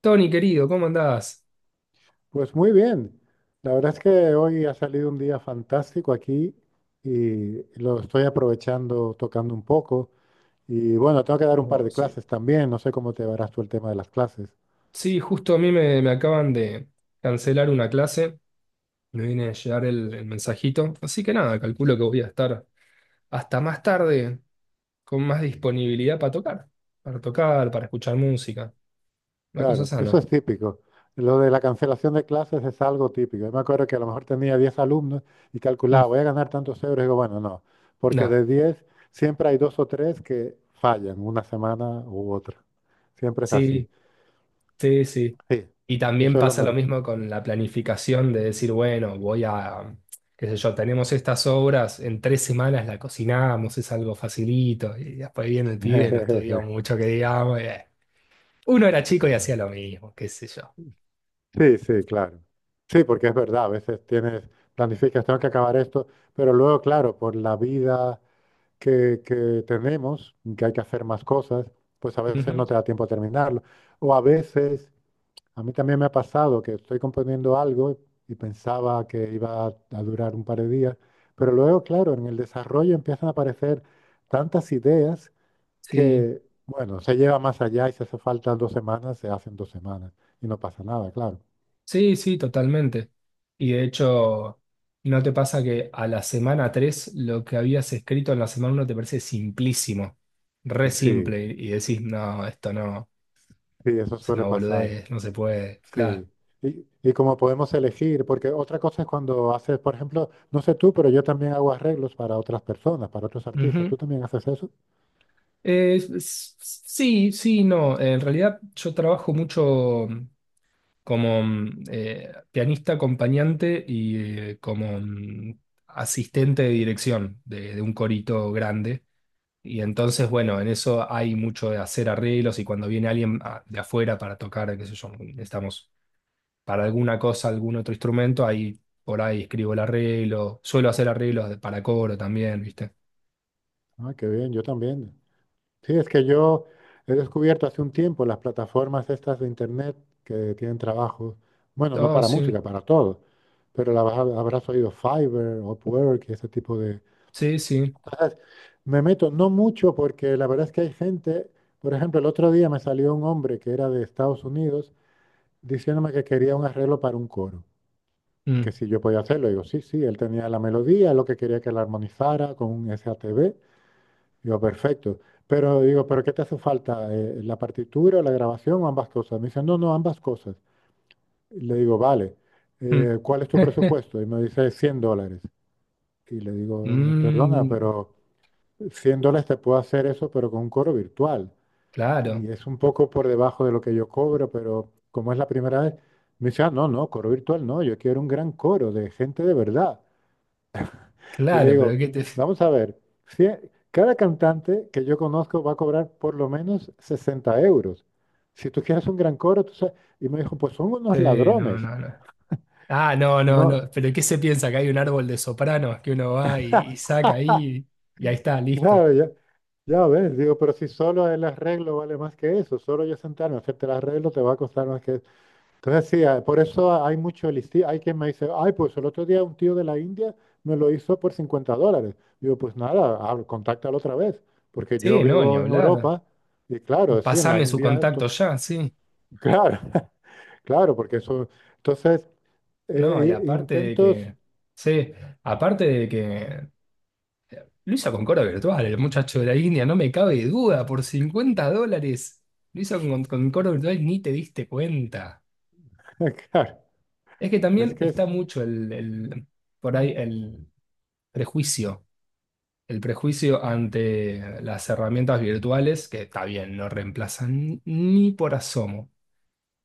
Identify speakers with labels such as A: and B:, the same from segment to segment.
A: Tony, querido, ¿cómo andás?
B: Pues muy bien. La verdad es que hoy ha salido un día fantástico aquí y lo estoy aprovechando tocando un poco. Y bueno, tengo que dar un par
A: Oh,
B: de
A: sí.
B: clases también. No sé cómo te verás tú el tema de las clases.
A: Sí, justo a mí me acaban de cancelar una clase, me viene a llegar el mensajito, así que nada, calculo que voy a estar hasta más tarde con más disponibilidad para tocar, para escuchar música, una cosa
B: Claro, eso
A: sana.
B: es típico. Lo de la cancelación de clases es algo típico. Yo me acuerdo que a lo mejor tenía 10 alumnos y
A: Mm,
B: calculaba, voy a ganar tantos euros. Y digo, bueno, no, porque
A: nada,
B: de 10 siempre hay dos o tres que fallan una semana u otra. Siempre es así.
A: sí, sí, sí.
B: Sí,
A: Y también
B: eso es lo
A: pasa lo
B: normal.
A: mismo con la planificación de decir, bueno, qué sé yo, tenemos estas obras, en 3 semanas la cocinamos, es algo facilito, y después viene el pibe, no estudió mucho que digamos, y, uno era chico y hacía lo mismo, qué sé yo.
B: Sí, sí, claro. Sí, porque es verdad, a veces tienes, planificas, tengo que acabar esto, pero luego, claro, por la vida que tenemos, que hay que hacer más cosas, pues a veces no
A: Ujú.
B: te da tiempo a terminarlo. O a veces, a mí también me ha pasado que estoy componiendo algo y pensaba que iba a durar un par de días, pero luego, claro, en el desarrollo empiezan a aparecer tantas ideas
A: Sí,
B: que, bueno, se lleva más allá y si hace falta 2 semanas, se hacen 2 semanas y no pasa nada, claro.
A: sí, sí, totalmente. Y de hecho, ¿no te pasa que a la semana 3 lo que habías escrito en la semana uno te parece simplísimo, re
B: Sí.
A: simple, y decís, no, esto no?
B: Sí, eso
A: Es
B: suele
A: una
B: pasar.
A: boludez, no se puede, claro.
B: Sí. Y como podemos elegir, porque otra cosa es cuando haces, por ejemplo, no sé tú, pero yo también hago arreglos para otras personas, para otros artistas.
A: Ujú.
B: ¿Tú también haces eso?
A: Eh, s- s- sí, sí, no. En realidad yo trabajo mucho como pianista acompañante y como asistente de dirección de un corito grande. Y entonces, bueno, en eso hay mucho de hacer arreglos y cuando viene alguien de afuera para tocar, qué sé yo, estamos para alguna cosa, algún otro instrumento, ahí por ahí escribo el arreglo. Suelo hacer arreglos para coro también, ¿viste?
B: Ah, qué bien, yo también. Sí, es que yo he descubierto hace un tiempo las plataformas estas de internet que tienen trabajo, bueno, no
A: Oh,
B: para
A: sí,
B: música, para todo, pero la habrás oído Fiverr, Upwork y ese tipo.
A: sí, sí.
B: Me meto, no mucho, porque la verdad es que hay gente, por ejemplo, el otro día me salió un hombre que era de Estados Unidos diciéndome que quería un arreglo para un coro,
A: Mm,
B: que si yo podía hacerlo. Digo, sí, sí, él tenía la melodía, lo que quería que la armonizara con un S A T SATB. Digo, perfecto. Pero digo, ¿pero qué te hace falta? ¿La partitura, la grabación o ambas cosas? Me dice, no, no, ambas cosas. Y le digo, vale,
A: mm.
B: ¿cuál es tu presupuesto? Y me dice, $100. Y le digo, perdona,
A: Mm,
B: pero... $100 te puedo hacer eso, pero con un coro virtual.
A: claro,
B: Y es un poco por debajo de lo que yo cobro, pero como es la primera vez, me dice, ah, no, no, coro virtual no, yo quiero un gran coro de gente de verdad. Y le
A: claro, pero
B: digo,
A: ¿qué te...
B: vamos a ver, cada cantante que yo conozco va a cobrar por lo menos 60 euros. Si tú quieres un gran coro, tú sabes. Y me dijo, pues son unos
A: Sí, no,
B: ladrones.
A: no, no. Ah, no, no,
B: No,
A: no. Pero ¿qué se piensa? Que hay un árbol de sopranos que uno va y saca ahí y ahí está, listo.
B: claro, ya, ya ves, digo, pero si solo el arreglo vale más que eso, solo yo sentarme a hacerte el arreglo te va a costar más que eso. Entonces, sí, ah, por eso hay mucho Hay quien me dice, ay, pues el otro día un tío de la India me lo hizo por $50. Digo, pues nada, contáctalo otra vez, porque yo
A: Sí, no, ni
B: vivo en
A: hablar.
B: Europa y claro, sí, en la
A: Pasame su
B: India,
A: contacto
B: to-
A: ya, sí.
B: claro, claro, porque eso. Entonces,
A: No, y aparte de
B: intentos,
A: que... Sí, aparte de que... Lo hizo con Cora Virtual, el muchacho de la India, no me cabe duda, por $50. Lo hizo con Cora Virtual, ni te diste cuenta.
B: claro,
A: Es que
B: es
A: también
B: que es.
A: está mucho por ahí prejuicio, el prejuicio ante las herramientas virtuales, que está bien, no reemplazan ni por asomo,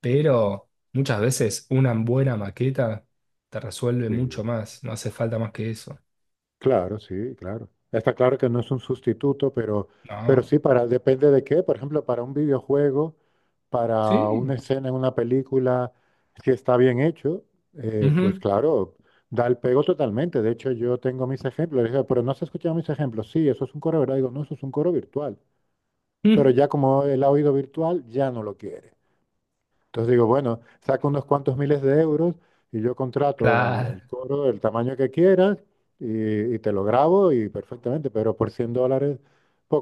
A: pero muchas veces una buena maqueta te resuelve mucho
B: Sí.
A: más, no hace falta más que eso.
B: Claro, sí, claro. Está claro que no es un sustituto, pero
A: No.
B: sí, para, depende de qué. Por ejemplo, para un videojuego, para
A: Sí.
B: una escena en una película, si está bien hecho, pues
A: Ujú.
B: claro, da el pego totalmente. De hecho, yo tengo mis ejemplos. Le digo, pero no has escuchado mis ejemplos. Sí, eso es un coro, ¿verdad? Digo, no, eso es un coro virtual. Pero
A: Mm.
B: ya como el oído virtual, ya no lo quiere. Entonces digo, bueno, saco unos cuantos miles de euros y yo contrato el,
A: Claro.
B: el coro del tamaño que quieras y te lo grabo y perfectamente, pero por $100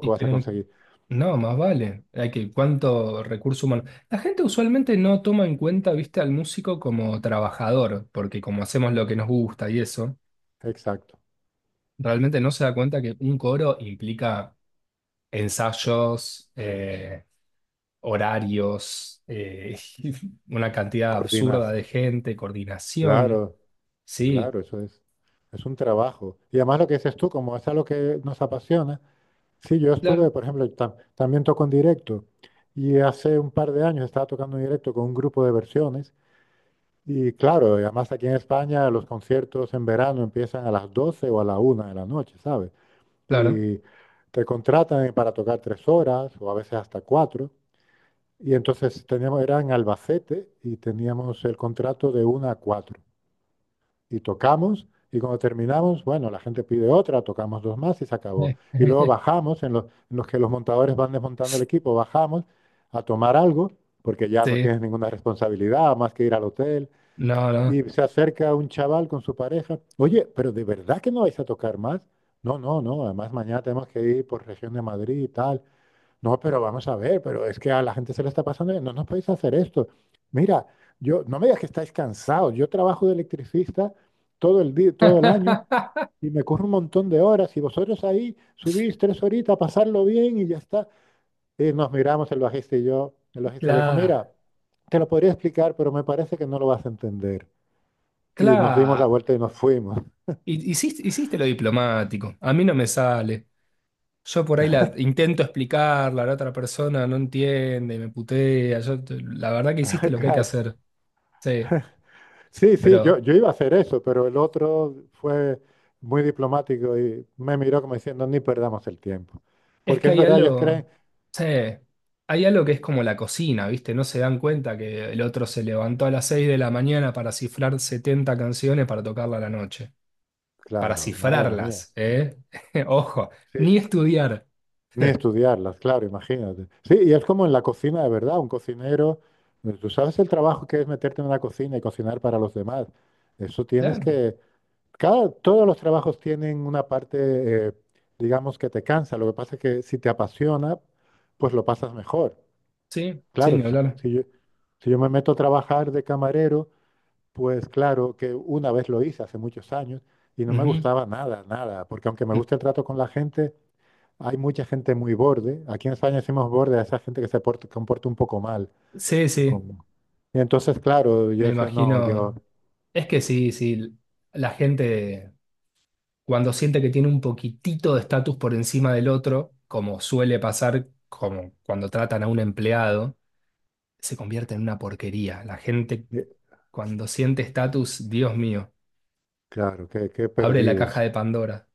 A: Y
B: vas a
A: pero
B: conseguir.
A: no, más vale. Hay que, ¿cuánto recurso humano? La gente usualmente no toma en cuenta, viste, al músico como trabajador, porque como hacemos lo que nos gusta y eso,
B: Exacto.
A: realmente no se da cuenta que un coro implica ensayos, horarios, una cantidad absurda
B: Coordinas.
A: de gente, coordinación.
B: Claro,
A: Sí,
B: claro, eso es. Es un trabajo. Y además lo que dices tú, como es algo que nos apasiona. Sí, yo estuve,
A: claro,
B: por ejemplo, también toco en directo y hace un par de años estaba tocando en directo con un grupo de versiones. Y claro, y además aquí en España los conciertos en verano empiezan a las 12 o a la 1 de la noche, ¿sabes?
A: claro.
B: Y te contratan para tocar 3 horas o a veces hasta cuatro. Y entonces teníamos, era en Albacete y teníamos el contrato de 1 a 4. Y tocamos y cuando terminamos, bueno, la gente pide otra, tocamos dos más y se acabó. Y luego bajamos, en los que los montadores van desmontando el equipo, bajamos a tomar algo, porque ya no
A: Sí,
B: tienes ninguna responsabilidad más que ir al hotel.
A: no, no.
B: Y se acerca un chaval con su pareja. Oye, pero ¿de verdad que no vais a tocar más? No, no, no. Además, mañana tenemos que ir por región de Madrid y tal. No, pero vamos a ver, pero es que a la gente se le está pasando bien. No nos podéis hacer esto. Mira, yo, no me digas que estáis cansados. Yo trabajo de electricista todo el día, todo el año y me corro un montón de horas. Y vosotros ahí subís 3 horitas a pasarlo bien y ya está. Y nos miramos el bajista y yo. El bajista le dijo,
A: Claro,
B: mira, te lo podría explicar, pero me parece que no lo vas a entender y nos dimos la
A: claro.
B: vuelta y nos fuimos.
A: Hiciste lo diplomático. A mí no me sale. Yo por ahí la intento explicarla, la otra persona no entiende, me putea. Yo la verdad que hiciste lo que hay que
B: Claro.
A: hacer. Sí,
B: Sí, sí, yo,
A: pero
B: yo iba a hacer eso, pero el otro fue muy diplomático y me miró como diciendo, ni perdamos el tiempo.
A: es
B: Porque
A: que
B: es
A: hay
B: verdad, ellos
A: algo,
B: creen,
A: sí, hay algo que es como la cocina, ¿viste? No se dan cuenta que el otro se levantó a las 6 de la mañana para cifrar 70 canciones para tocarla a la noche. Para
B: claro, madre mía,
A: cifrarlas, ¿eh? Ojo,
B: sí,
A: ni
B: s-
A: estudiar.
B: ni estudiarlas, claro, imagínate. Sí, y es como en la cocina de verdad, un cocinero, tú sabes el trabajo que es meterte en una cocina y cocinar para los demás. Eso tienes
A: Claro,
B: que, cada, todos los trabajos tienen una parte, eh, digamos, que te cansa. Lo que pasa es que si te apasiona, pues lo pasas mejor.
A: sí, sí,
B: Claro,
A: ni
B: si,
A: hablar.
B: si yo, si yo me meto a trabajar de camarero, pues claro que una vez lo hice hace muchos años y no me
A: Ujú.
B: gustaba nada, nada, porque aunque me gusta el trato con la gente, hay mucha gente muy borde. Aquí en España decimos borde a esa gente que se porta, comporta un poco mal.
A: Sí, sí.
B: Con- Y entonces, claro, yo
A: Me
B: decía, no, yo,
A: imagino, es que sí, sí, la gente cuando siente que tiene un poquitito de estatus por encima del otro, como suele pasar como cuando tratan a un empleado, se convierte en una porquería. La gente
B: eh,
A: cuando siente estatus, Dios mío,
B: claro, que qué qué
A: abre la
B: perdido.
A: caja de Pandora.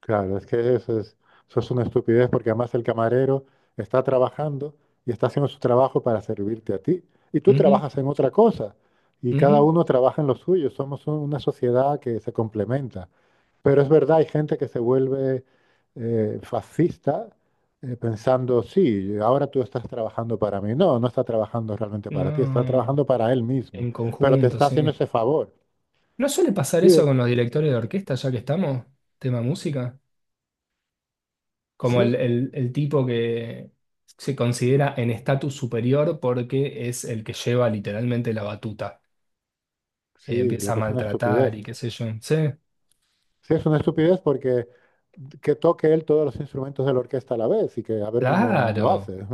B: Claro, es que eso es una estupidez porque además el camarero está trabajando y está haciendo su trabajo para servirte a ti. Y tú
A: Ujú,
B: trabajas en otra cosa y cada
A: ujú.
B: uno trabaja en lo suyo. Somos un- una sociedad que se complementa. Pero es verdad, hay gente que se vuelve fascista pensando, sí, ahora tú estás trabajando para mí. No, no está trabajando realmente para ti, está
A: No,
B: trabajando para él mismo.
A: en
B: Pero te
A: conjunto,
B: está haciendo
A: sí.
B: ese favor.
A: ¿No suele pasar eso
B: Sí,
A: con los directores de orquesta, ya que estamos? Tema música. Como
B: sí,
A: el tipo que se considera en estatus superior porque es el que lleva literalmente la batuta. Eh,
B: sí, lo
A: empieza a
B: que es una estupidez.
A: maltratar y qué sé yo. Sí,
B: Sí, es una estupidez porque que toque él todos los instrumentos de la orquesta a la vez y que a ver cómo lo hace.
A: claro,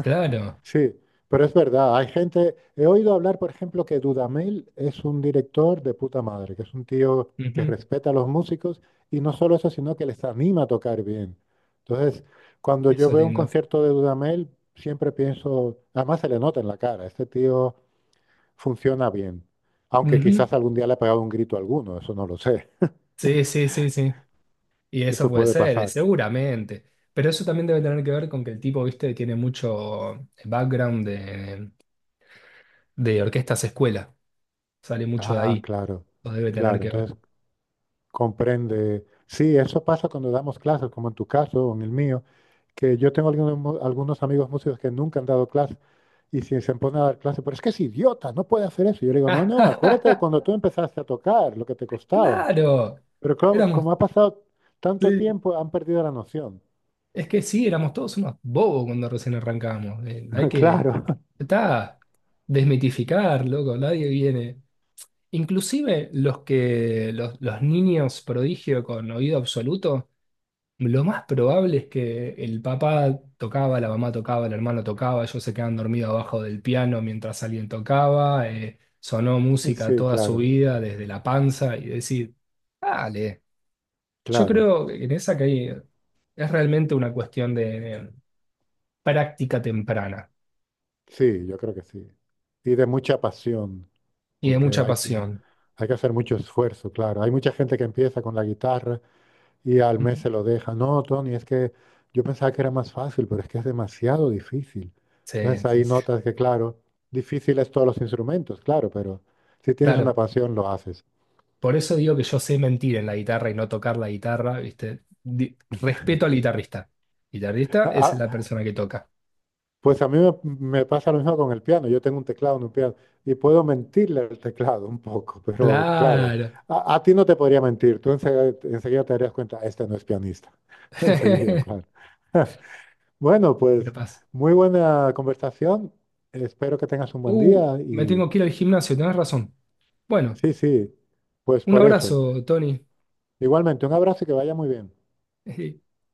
A: claro.
B: Sí, pero es verdad, hay gente, he oído hablar, por ejemplo, que Dudamel es un director de puta madre, que es un tío que
A: Ujú.
B: respeta a los músicos y no solo eso, sino que les anima a tocar bien. Entonces, cuando yo
A: Eso es
B: veo un
A: lindo.
B: concierto de Dudamel, siempre pienso, además se le nota en la cara, este tío funciona bien, aunque
A: Ujú.
B: quizás algún día le ha pegado un grito a alguno, eso no lo sé,
A: Sí, sí, sí, sí. Y eso
B: eso
A: puede
B: puede
A: ser,
B: pasar.
A: seguramente. Pero eso también debe tener que ver con que el tipo, viste, tiene mucho background de orquestas escuela. Sale mucho de
B: Ah,
A: ahí.
B: claro,
A: Lo debe tener
B: claro.
A: que ver.
B: Entonces, comprende. Sí, eso pasa cuando damos clases, como en tu caso o en el mío, que yo tengo algunos, algunos amigos músicos que nunca han dado clases y si se ponen a dar clases, pero es que es idiota, no puede hacer eso. Yo le digo, no, no, acuérdate de cuando tú empezaste a tocar, lo que te costaba.
A: Claro.
B: Pero como,
A: Éramos
B: como ha pasado tanto
A: Sí,
B: tiempo, han perdido la noción.
A: es que sí, éramos todos unos bobos cuando recién arrancamos. Hay que,
B: Claro,
A: está, desmitificar, loco, nadie viene. Inclusive los niños prodigio con oído absoluto, lo más probable es que el papá tocaba, la mamá tocaba, el hermano tocaba, ellos se quedan dormidos abajo del piano mientras alguien tocaba, sonó música
B: sí,
A: toda su
B: claro,
A: vida desde la panza y decir, dale. Yo
B: claro.
A: creo que en esa que hay, es realmente una cuestión de práctica temprana
B: Sí, yo creo que sí. Y de mucha pasión.
A: y de
B: Porque
A: mucha pasión.
B: hay que hacer mucho esfuerzo, claro. Hay mucha gente que empieza con la guitarra y al mes
A: Ujú.
B: se lo deja. No, Tony, es que yo pensaba que era más fácil, pero es que es demasiado difícil. Entonces
A: Sí,
B: ahí
A: sí, sí.
B: notas que, claro, difícil es todos los instrumentos, claro, pero si tienes una
A: Claro,
B: pasión, lo haces.
A: por eso digo que yo sé mentir en la guitarra y no tocar la guitarra, ¿viste? Respeto al guitarrista. Guitarrista es
B: A-
A: la persona que toca.
B: Pues a mí me pasa lo mismo con el piano. Yo tengo un teclado en un piano y puedo mentirle al teclado un poco, pero claro,
A: Claro.
B: a ti no te podría mentir. Tú enseguida, enseguida te darías cuenta, este no es pianista. Enseguida, claro. Bueno, pues
A: Capaz.
B: muy buena conversación. Espero que tengas un buen
A: Uh,
B: día
A: me
B: y
A: tengo que ir al gimnasio, tenés razón. Bueno,
B: sí, sí, pues
A: un
B: por eso.
A: abrazo, Tony.
B: Igualmente, un abrazo y que vaya muy bien.